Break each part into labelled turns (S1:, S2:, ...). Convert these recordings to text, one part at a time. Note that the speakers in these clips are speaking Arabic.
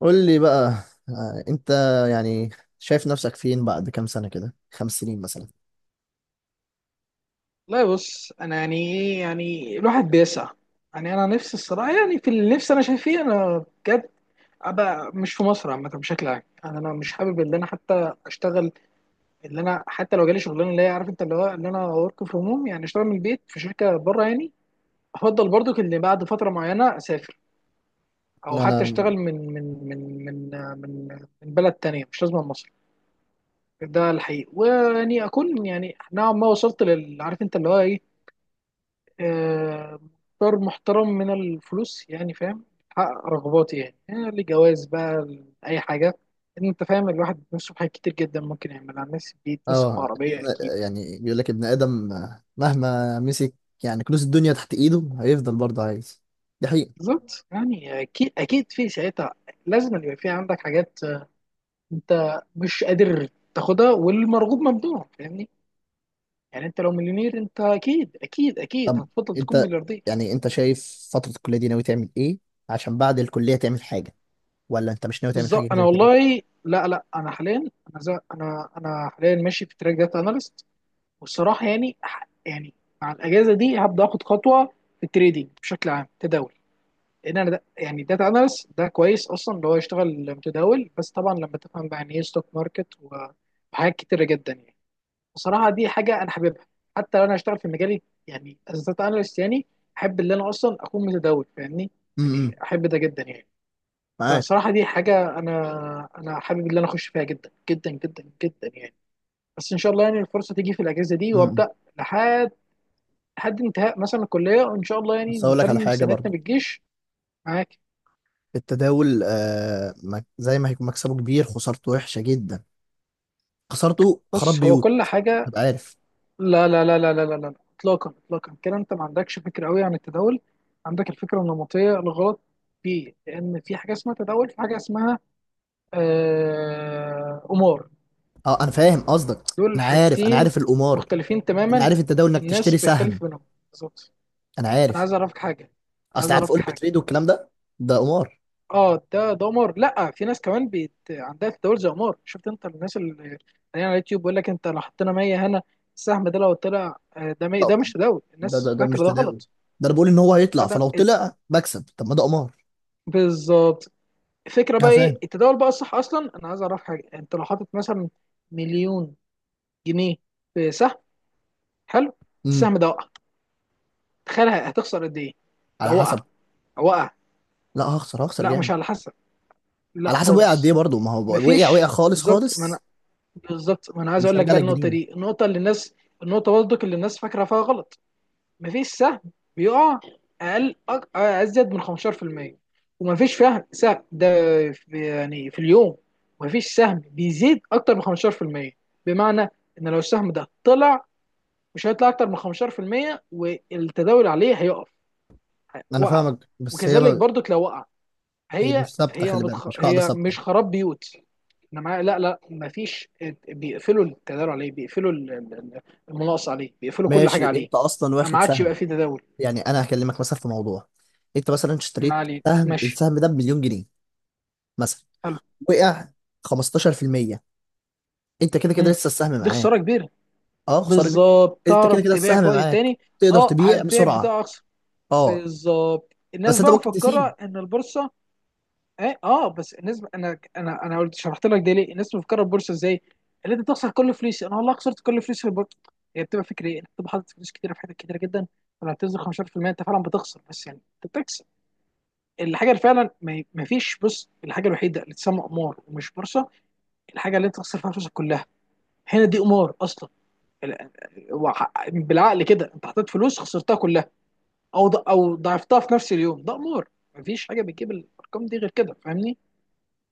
S1: قول لي بقى، انت يعني شايف نفسك فين بعد كام سنة كده، خمس سنين مثلا؟
S2: لا بص انا يعني ايه؟ يعني الواحد بيسعى. يعني انا نفسي الصراحه، يعني في اللي نفسي انا شايف فيه انا بجد، ابقى مش في مصر عامه بشكل عام. يعني انا مش حابب ان انا حتى اشتغل، اللي انا حتى لو جالي شغلانه اللي هي عارف انت اللي هو ان انا ورك فروم هوم، يعني اشتغل من البيت في شركه بره. يعني افضل برضو ان بعد فتره معينه اسافر، او حتى
S1: انا
S2: اشتغل من من من من بلد تانية، مش لازم من مصر. ده الحقيقي، ويعني اكون يعني نوعا ما وصلت لل عارف انت اللي هو ايه، آه، مقدار محترم من الفلوس، يعني فاهم، حقق رغباتي. يعني لجواز بقى، لأي حاجة. إن أنت فاهم، الواحد بيتمسك بحاجات كتير جدا ممكن يعملها الناس، بيتمسك
S1: اه
S2: بعربية أكيد.
S1: يعني بيقول لك ابن آدم، مهما مسك يعني كنوز الدنيا تحت ايده هيفضل برضه عايز. دي حقيقة.
S2: بالظبط، يعني أكيد أكيد في ساعتها لازم اللي يبقى في عندك حاجات أنت مش قادر تاخدها، والمرغوب ممنوع، فاهمني؟ يعني أنت لو مليونير أنت أكيد أكيد أكيد
S1: طب
S2: هتفضل تكون
S1: انت،
S2: ملياردير.
S1: يعني انت شايف فترة الكلية دي ناوي تعمل ايه عشان بعد الكلية تعمل حاجة، ولا انت مش ناوي تعمل حاجة
S2: بالظبط. أنا
S1: زي كده؟
S2: والله لا أنا حاليا، أنا زي- أنا أنا حاليا ماشي في تراك داتا أناليست. والصراحه يعني يعني مع الاجازه دي هبدا اخد خطوه في التريدينج بشكل عام، تداول. لان انا ده يعني داتا اناليست، ده كويس اصلا اللي هو يشتغل متداول، بس طبعا لما تفهم بقى يعني ايه ستوك ماركت وحاجات كتيره جدا يعني. بصراحه دي حاجه انا حاببها، حتى لو انا هشتغل في مجالي يعني از داتا اناليست، يعني احب ان انا اصلا اكون متداول، فاهمني؟
S1: امم،
S2: يعني احب ده جدا يعني.
S1: معاك.
S2: فصراحه دي حاجه انا حابب ان انا اخش فيها جدا جدا جدا جدا يعني. بس ان شاء الله يعني الفرصه تيجي في الاجازه دي
S1: امم.
S2: وابدا، لحد لحد انتهاء مثلا الكليه، وان شاء الله يعني
S1: بس هقول لك على
S2: نتمم
S1: حاجة
S2: سنتنا
S1: برضه.
S2: بالجيش. معاك.
S1: التداول زي ما هيكون مكسبه كبير، خسارته وحشة جدا. خسارته خراب
S2: بص هو
S1: بيوت،
S2: كل حاجه،
S1: تبقى عارف.
S2: لا لا لا لا لا لا لا، اطلاقا اطلاقا، كده انت ما عندكش فكره قوي عن التداول، عندك الفكره النمطيه الغلط فيه. لان في حاجه اسمها تداول، في حاجه اسمها قمار،
S1: اه، انا فاهم قصدك.
S2: دول
S1: انا عارف، انا
S2: حاجتين
S1: عارف القمار.
S2: مختلفين
S1: انا
S2: تماما.
S1: عارف التداول انك
S2: الناس
S1: تشتري سهم.
S2: بيختلف بينهم. بالظبط.
S1: انا
S2: انا
S1: عارف.
S2: عايز اعرفك حاجه، عايز
S1: اصل عارف
S2: اعرفك
S1: اقول
S2: حاجه.
S1: بتريد والكلام ده، ده قمار.
S2: اه، ده دمار. لا، في ناس كمان عندها تداول زي قمار. شفت انت الناس اللي هي على اليوتيوب بيقول لك انت لو حطينا 100 هنا، السهم ده لو طلع ده
S1: ده
S2: ده مش تداول، الناس
S1: ده مش
S2: فاكره ده
S1: تداول.
S2: غلط.
S1: ده انا بقول ان هو
S2: ده
S1: هيطلع،
S2: ده
S1: فلو
S2: ات-
S1: طلع بكسب. طب ما ده قمار.
S2: بالظبط. الفكره
S1: انا
S2: بقى ايه
S1: فاهم.
S2: التداول بقى الصح اصلا؟ انا عايز اعرف حاجه، انت لو حاطط مثلا مليون جنيه في سهم، حلو،
S1: امم.
S2: السهم ده وقع، تخيل هتخسر قد ايه؟ ده
S1: على
S2: وقع،
S1: حسب.
S2: وقع.
S1: لا، هخسر هخسر
S2: لا مش
S1: جامد.
S2: على حسب، لا
S1: على حسب وقع قد ايه
S2: خالص.
S1: برضه. ما هو وقع وقع
S2: مفيش،
S1: خالص
S2: بالظبط. ما انا
S1: خالص.
S2: بالظبط ما انا عايز
S1: مش
S2: اقول لك
S1: هرجع
S2: بقى،
S1: لك
S2: النقطه
S1: جنيه.
S2: دي، النقطه اللي الناس، النقطه برضك اللي الناس فاكره فيها غلط. مفيش سهم بيقع اقل ازيد من 15%، ومفيش فهم سهم ده في يعني في اليوم. مفيش سهم بيزيد اكتر من 15%. بمعنى ان لو السهم ده طلع، مش هيطلع اكتر من 15% والتداول عليه هيقف،
S1: انا
S2: وقف.
S1: فاهمك، بس
S2: وكذلك برضك لو وقع،
S1: هي
S2: هي
S1: مش ثابته،
S2: هي ما
S1: خلي بالك،
S2: بتخ...
S1: مش قاعده
S2: هي
S1: ثابته.
S2: مش خراب بيوت. انا معايا، لا ما فيش. بيقفلوا التداول عليه، بيقفلوا المناقصه عليه، بيقفلوا كل
S1: ماشي،
S2: حاجه عليه،
S1: انت اصلا
S2: فما
S1: واخد
S2: عادش يبقى
S1: سهم
S2: فيه تداول.
S1: يعني. انا هكلمك مثلا في موضوع. انت مثلا
S2: ما
S1: اشتريت
S2: عليه،
S1: سهم،
S2: ماشي.
S1: السهم ده بمليون جنيه مثلا،
S2: حلو.
S1: وقع 15%، انت كده كده
S2: مم.
S1: لسه السهم
S2: دي
S1: معاك.
S2: خساره كبيره.
S1: اه، خساره كبيرة.
S2: بالظبط،
S1: انت كده
S2: تعرف
S1: كده
S2: تبيع
S1: السهم
S2: في وقت
S1: معاك،
S2: تاني.
S1: تقدر
S2: اه،
S1: تبيع
S2: هتبيع
S1: بسرعه.
S2: بتاع اقصى.
S1: اه.
S2: بالظبط. الناس
S1: بس انت
S2: بقى
S1: ممكن تسيب.
S2: مفكره ان البورصه ايه، اه، بس الناس، انا قلت شرحت لك ده ليه. الناس بتفكر البورصه ازاي؟ اللي انت تخسر كل فلوسي، انا والله خسرت كل فلوسي في البورصه. هي بتبقى فكره ايه؟ انت بتبقى حاطط فلوس كتيره في حاجات كتيره جدا، ولما بتنزل 15% انت فعلا بتخسر، بس يعني انت بتكسب. الحاجه اللي فعلا ما فيش، بص، الحاجه الوحيده اللي تسمى قمار ومش بورصه، الحاجه اللي انت تخسر فيها فلوسك كلها، هنا دي قمار اصلا. ال- بالعقل كده، انت حطيت فلوس خسرتها كلها، او ضعفتها في نفس اليوم، ده قمار. مفيش حاجه بتجيب الارقام دي غير كده، فاهمني؟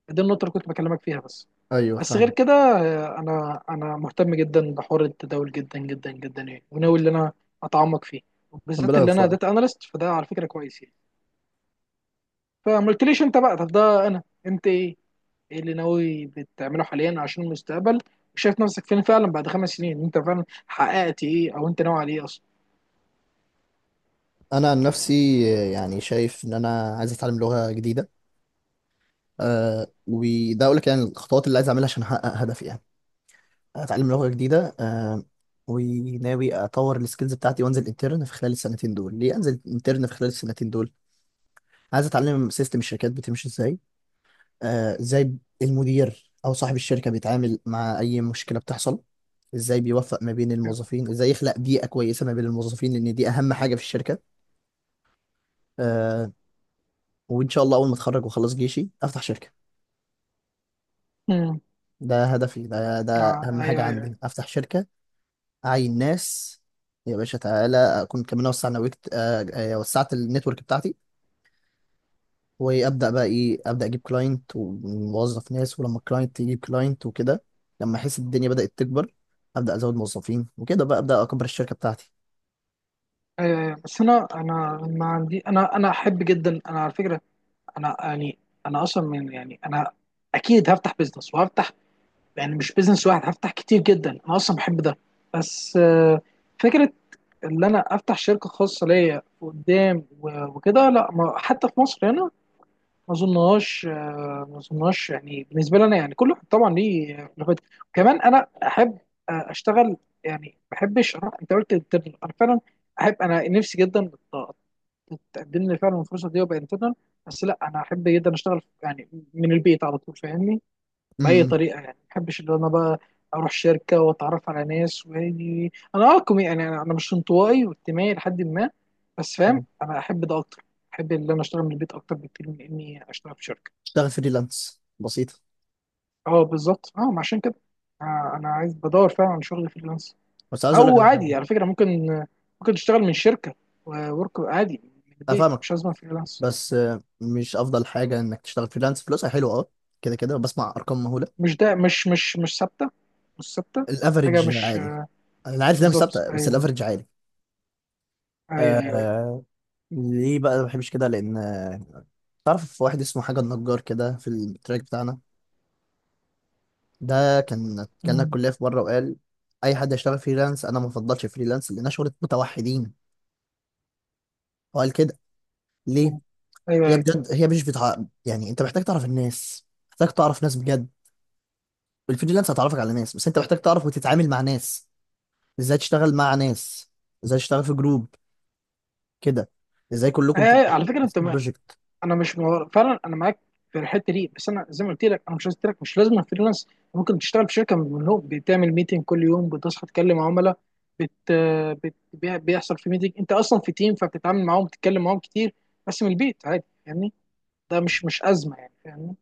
S2: دي النقطه اللي كنت بكلمك فيها بس.
S1: ايوه
S2: بس غير
S1: فاهم.
S2: كده انا مهتم جدا بحوار التداول، جدا جدا جدا يعني، وناوي ان انا اتعمق فيه، وبالذات
S1: ربنا
S2: اللي انا داتا
S1: يوفقك.
S2: اناليست، فده على فكره كويس يعني. فما قلتليش انت بقى؟ طب ده انا، انت ايه؟ ايه اللي ناوي بتعمله حاليا عشان المستقبل؟ وشايف نفسك فين فعلا بعد خمس سنين؟ انت فعلا حققت ايه، او انت ناوي على ايه اصلا؟
S1: انا عن نفسي، يعني شايف ان انا عايز اتعلم لغه جديده. وده اقول لك يعني الخطوات اللي عايز اعملها عشان احقق هدفي يعني. اتعلم لغه جديده، وناوي اطور السكيلز بتاعتي وانزل انترن في خلال السنتين دول. ليه انزل انترن في خلال السنتين دول؟ عايز اتعلم سيستم الشركات بتمشي ازاي، ازاي المدير او صاحب الشركه بيتعامل مع اي مشكله بتحصل، ازاي بيوفق ما بين الموظفين، ازاي يخلق بيئه كويسه ما بين الموظفين، لان دي اهم حاجه في الشركه. آه، وان شاء الله اول ما اتخرج واخلص جيشي افتح شركه.
S2: امم.
S1: ده هدفي، ده
S2: آه،
S1: اهم حاجه
S2: ايوه ايوه
S1: عندي، افتح شركه، اعين ناس، يا باشا تعالى. اكون كمان وسع نويت، وسعت النتورك بتاعتي، وابدا بقى ايه، ابدا اجيب كلاينت وموظف ناس، ولما الكلاينت يجيب كلاينت وكده، لما احس الدنيا بدات تكبر، ابدا ازود موظفين وكده، بقى ابدا اكبر الشركه بتاعتي.
S2: ايوه. ايوه، بس انا ما عندي، انا احب جدا، انا على فكره، انا يعني، انا اصلا من يعني، انا اكيد هفتح بزنس، وهفتح يعني مش بيزنس واحد، هفتح كتير جدا، انا اصلا بحب ده. بس فكره ان انا افتح شركه خاصه ليا قدام وكده، لا، ما حتى في مصر هنا ما اظنهاش، ما اظنهاش يعني بالنسبه لي انا. يعني كل واحد طبعا ليه خلافات. كمان انا احب اشتغل يعني، ما بحبش اروح، انت قلت انترنال، انا فعلا احب انا نفسي جدا تقدم لي فعلا الفرصه دي وابقى انترنال. بس لا، انا احب جدا اشتغل يعني من البيت على طول، فاهمني؟ باي
S1: امم.
S2: طريقه يعني، ما بحبش ان انا بقى اروح شركه واتعرف على ناس، وهاجي انا اه كومي، يعني انا أنا مش انطوائي، واجتماعي لحد ما، بس فاهم انا احب ده اكتر. احب ان انا اشتغل من البيت اكتر بكتير من اني اشتغل في شركه.
S1: اشتغل فريلانس بسيطه.
S2: اه بالظبط، اه، ما عشان كده، آه، انا عايز، بدور فعلا على شغل فريلانس.
S1: بس عايز اقول لك
S2: او
S1: على
S2: عادي
S1: حاجه.
S2: على فكره، ممكن، ممكن تشتغل من شركه، وورك عادي من البيت،
S1: افهمك.
S2: مش لازم فريلانس.
S1: بس مش افضل حاجه انك تشتغل فريلانس، فلوسها حلوه اه. كده كده بسمع ارقام مهوله،
S2: مش ثابته، مش ثابته. حاجه
S1: الافرج
S2: مش،
S1: عالي. انا عارف ده مش
S2: بالظبط.
S1: ثابته، بس
S2: ايوه،
S1: الافرج عالي.
S2: ايوه، ايوه.
S1: آه، ليه بقى ما بحبش كده؟ لان، تعرف واحد اسمه حاجه النجار كده في التراك بتاعنا، ده كان
S2: أيوة.
S1: الكليه في بره، وقال اي حد يشتغل فريلانس، انا ما بفضلش فريلانس لانها شغله متوحدين. هو قال كده. ليه؟
S2: مم. ايوه
S1: هي
S2: ايوه.
S1: بجد، هي مش بتاع يعني، انت محتاج تعرف الناس، محتاج تعرف ناس بجد. الفريلانس هتعرفك على ناس، بس انت محتاج تعرف وتتعامل مع ناس، ازاي تشتغل مع ناس، ازاي تشتغل في جروب كده، ازاي كلكم
S2: أيوة، أيوة،
S1: تبقوا
S2: على فكره انت
S1: ماسكين
S2: ما...
S1: بروجكت.
S2: انا مش مور... فعلا انا معاك في الحته دي. بس انا زي ما قلت لك، انا مش قلت لك مش لازم فريلانس، ممكن تشتغل في شركه من منهم، بتعمل ميتنج كل يوم، بتصحى تكلم عملاء، بت... بيحصل في ميتنج، انت اصلا في تيم، فبتتعامل معاهم، بتتكلم معاهم كتير، بس من البيت عادي، فاهمني؟ ده مش مش ازمه يعني، فاهمني؟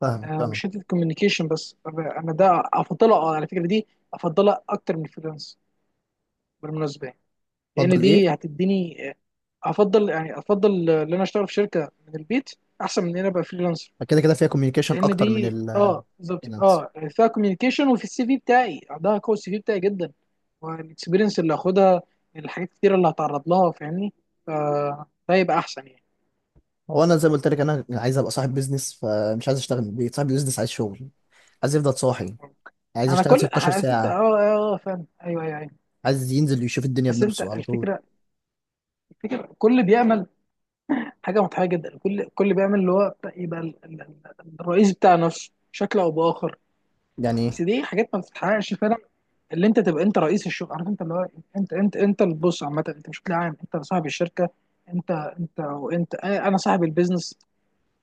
S1: فاهمك
S2: آه،
S1: فاهمك.
S2: مش حته كوميونيكيشن بس، انا ده افضلها، على فكره دي افضلها اكتر من الفريلانس بالمناسبه، لان
S1: اتفضل ايه؟
S2: دي هتديني افضل، يعني افضل ان انا اشتغل في شركه من البيت احسن من ان انا ابقى فريلانسر.
S1: فكده كده فيها كوميونيكيشن
S2: لان
S1: اكتر من
S2: دي، اه بالظبط،
S1: الفاينانس.
S2: اه، فيها كوميونيكيشن، وفي السي في بتاعي عندها قوه السي في بتاعي جدا، والاكسبيرينس اللي هاخدها، الحاجات كتير اللي هتعرض لها، فاهمني؟ فده يبقى احسن يعني.
S1: هو انا زي ما قلت لك انا عايز ابقى صاحب بيزنس، فمش عايز اشتغل من البيت. صاحب بيزنس عايز شغل، عايز يفضل صاحي، عايز
S2: انا
S1: يشتغل
S2: كل
S1: 16
S2: عرفت انت، اه
S1: ساعة،
S2: اه، فاهم، ايوه ايوه ايوه.
S1: عايز ينزل يشوف الدنيا
S2: بس انت
S1: بنفسه على طول
S2: الفكره، الفكره كل بيعمل حاجه مضحكه جدا، كل بيعمل اللي هو يبقى الرئيس بتاع نفسه بشكل او باخر.
S1: يعني.
S2: بس دي حاجات ما بتتحققش فعلا، اللي انت تبقى انت رئيس الشغل، عارف انت اللي هو، انت البوس عامه، انت مش بتلاقي عام انت صاحب الشركه، انت وانت اه، انا صاحب البيزنس،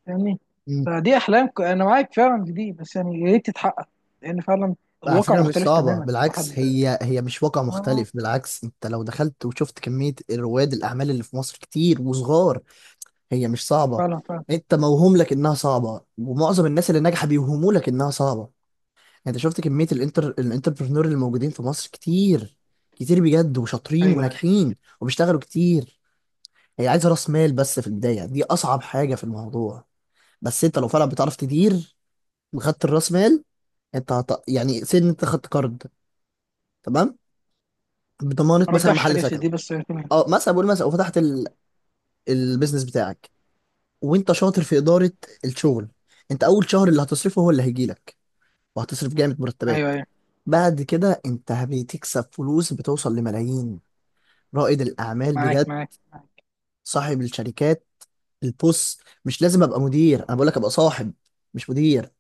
S2: فاهمني؟
S1: مم.
S2: انا معاك فعلا في دي، بس يعني يا ريت تتحقق، لان فعلا
S1: على
S2: الواقع
S1: فكرة مش
S2: مختلف
S1: صعبة،
S2: تماما
S1: بالعكس،
S2: الواحد.
S1: هي هي مش واقع
S2: اه
S1: مختلف، بالعكس انت لو دخلت وشفت كمية رواد الأعمال اللي في مصر كتير وصغار. هي مش صعبة.
S2: فعلا فعلا.
S1: انت موهوم لك انها صعبة، ومعظم الناس اللي ناجحة بيوهموا لك انها صعبة. انت شفت كمية الانتربرنور اللي موجودين في مصر كتير، كتير بجد وشاطرين
S2: ايوه ايوه.
S1: وناجحين وبيشتغلوا كتير. هي عايزة راس مال بس في البداية، دي أصعب حاجة في الموضوع. بس انت لو فعلا بتعرف تدير، وخدت الراس مال، انت يعني انت خدت قرض، تمام، بضمانة
S2: ما
S1: مثلا
S2: رجعش
S1: محل
S2: حاجه زي دي،
S1: سكنك.
S2: بس يعني تمام.
S1: اه مثلا بقول مثلا، وفتحت البيزنس بتاعك، وانت شاطر في إدارة الشغل. انت أول شهر اللي هتصرفه هو اللي هيجيلك، وهتصرف جامد
S2: ايوه
S1: مرتبات.
S2: ايوه،
S1: بعد كده انت بتكسب فلوس، بتوصل لملايين، رائد الاعمال
S2: معاك،
S1: بجد،
S2: معاك.
S1: صاحب الشركات. البوس مش لازم ابقى مدير، انا بقول لك ابقى صاحب، مش مدير.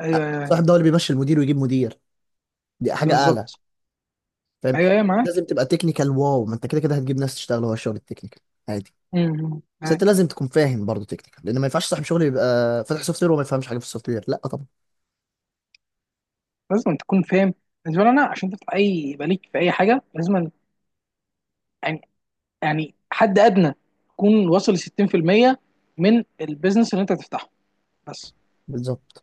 S2: ايوه ايوه.
S1: صاحب،
S2: أيوة.
S1: ده هو اللي بيمشي المدير ويجيب مدير، دي حاجه اعلى،
S2: بالظبط.
S1: فاهم؟
S2: ايوه ايوه، معاك.
S1: لازم تبقى تكنيكال، واو ما انت كده كده هتجيب ناس تشتغل، هو الشغل التكنيكال عادي.
S2: امم،
S1: بس
S2: معاك.
S1: انت لازم تكون فاهم برضه تكنيكال لان ما ينفعش صاحب شغل يبقى فاتح سوفت وير وما يفهمش حاجه في السوفت وير، لا طبعا.
S2: لازم تكون فاهم. بالنسبه لي انا، عشان تفتح اي، يبقى ليك في اي حاجه، لازم يعني حد ادنى يكون واصل ل 60% من البيزنس اللي انت هتفتحه، بس.
S1: بالظبط.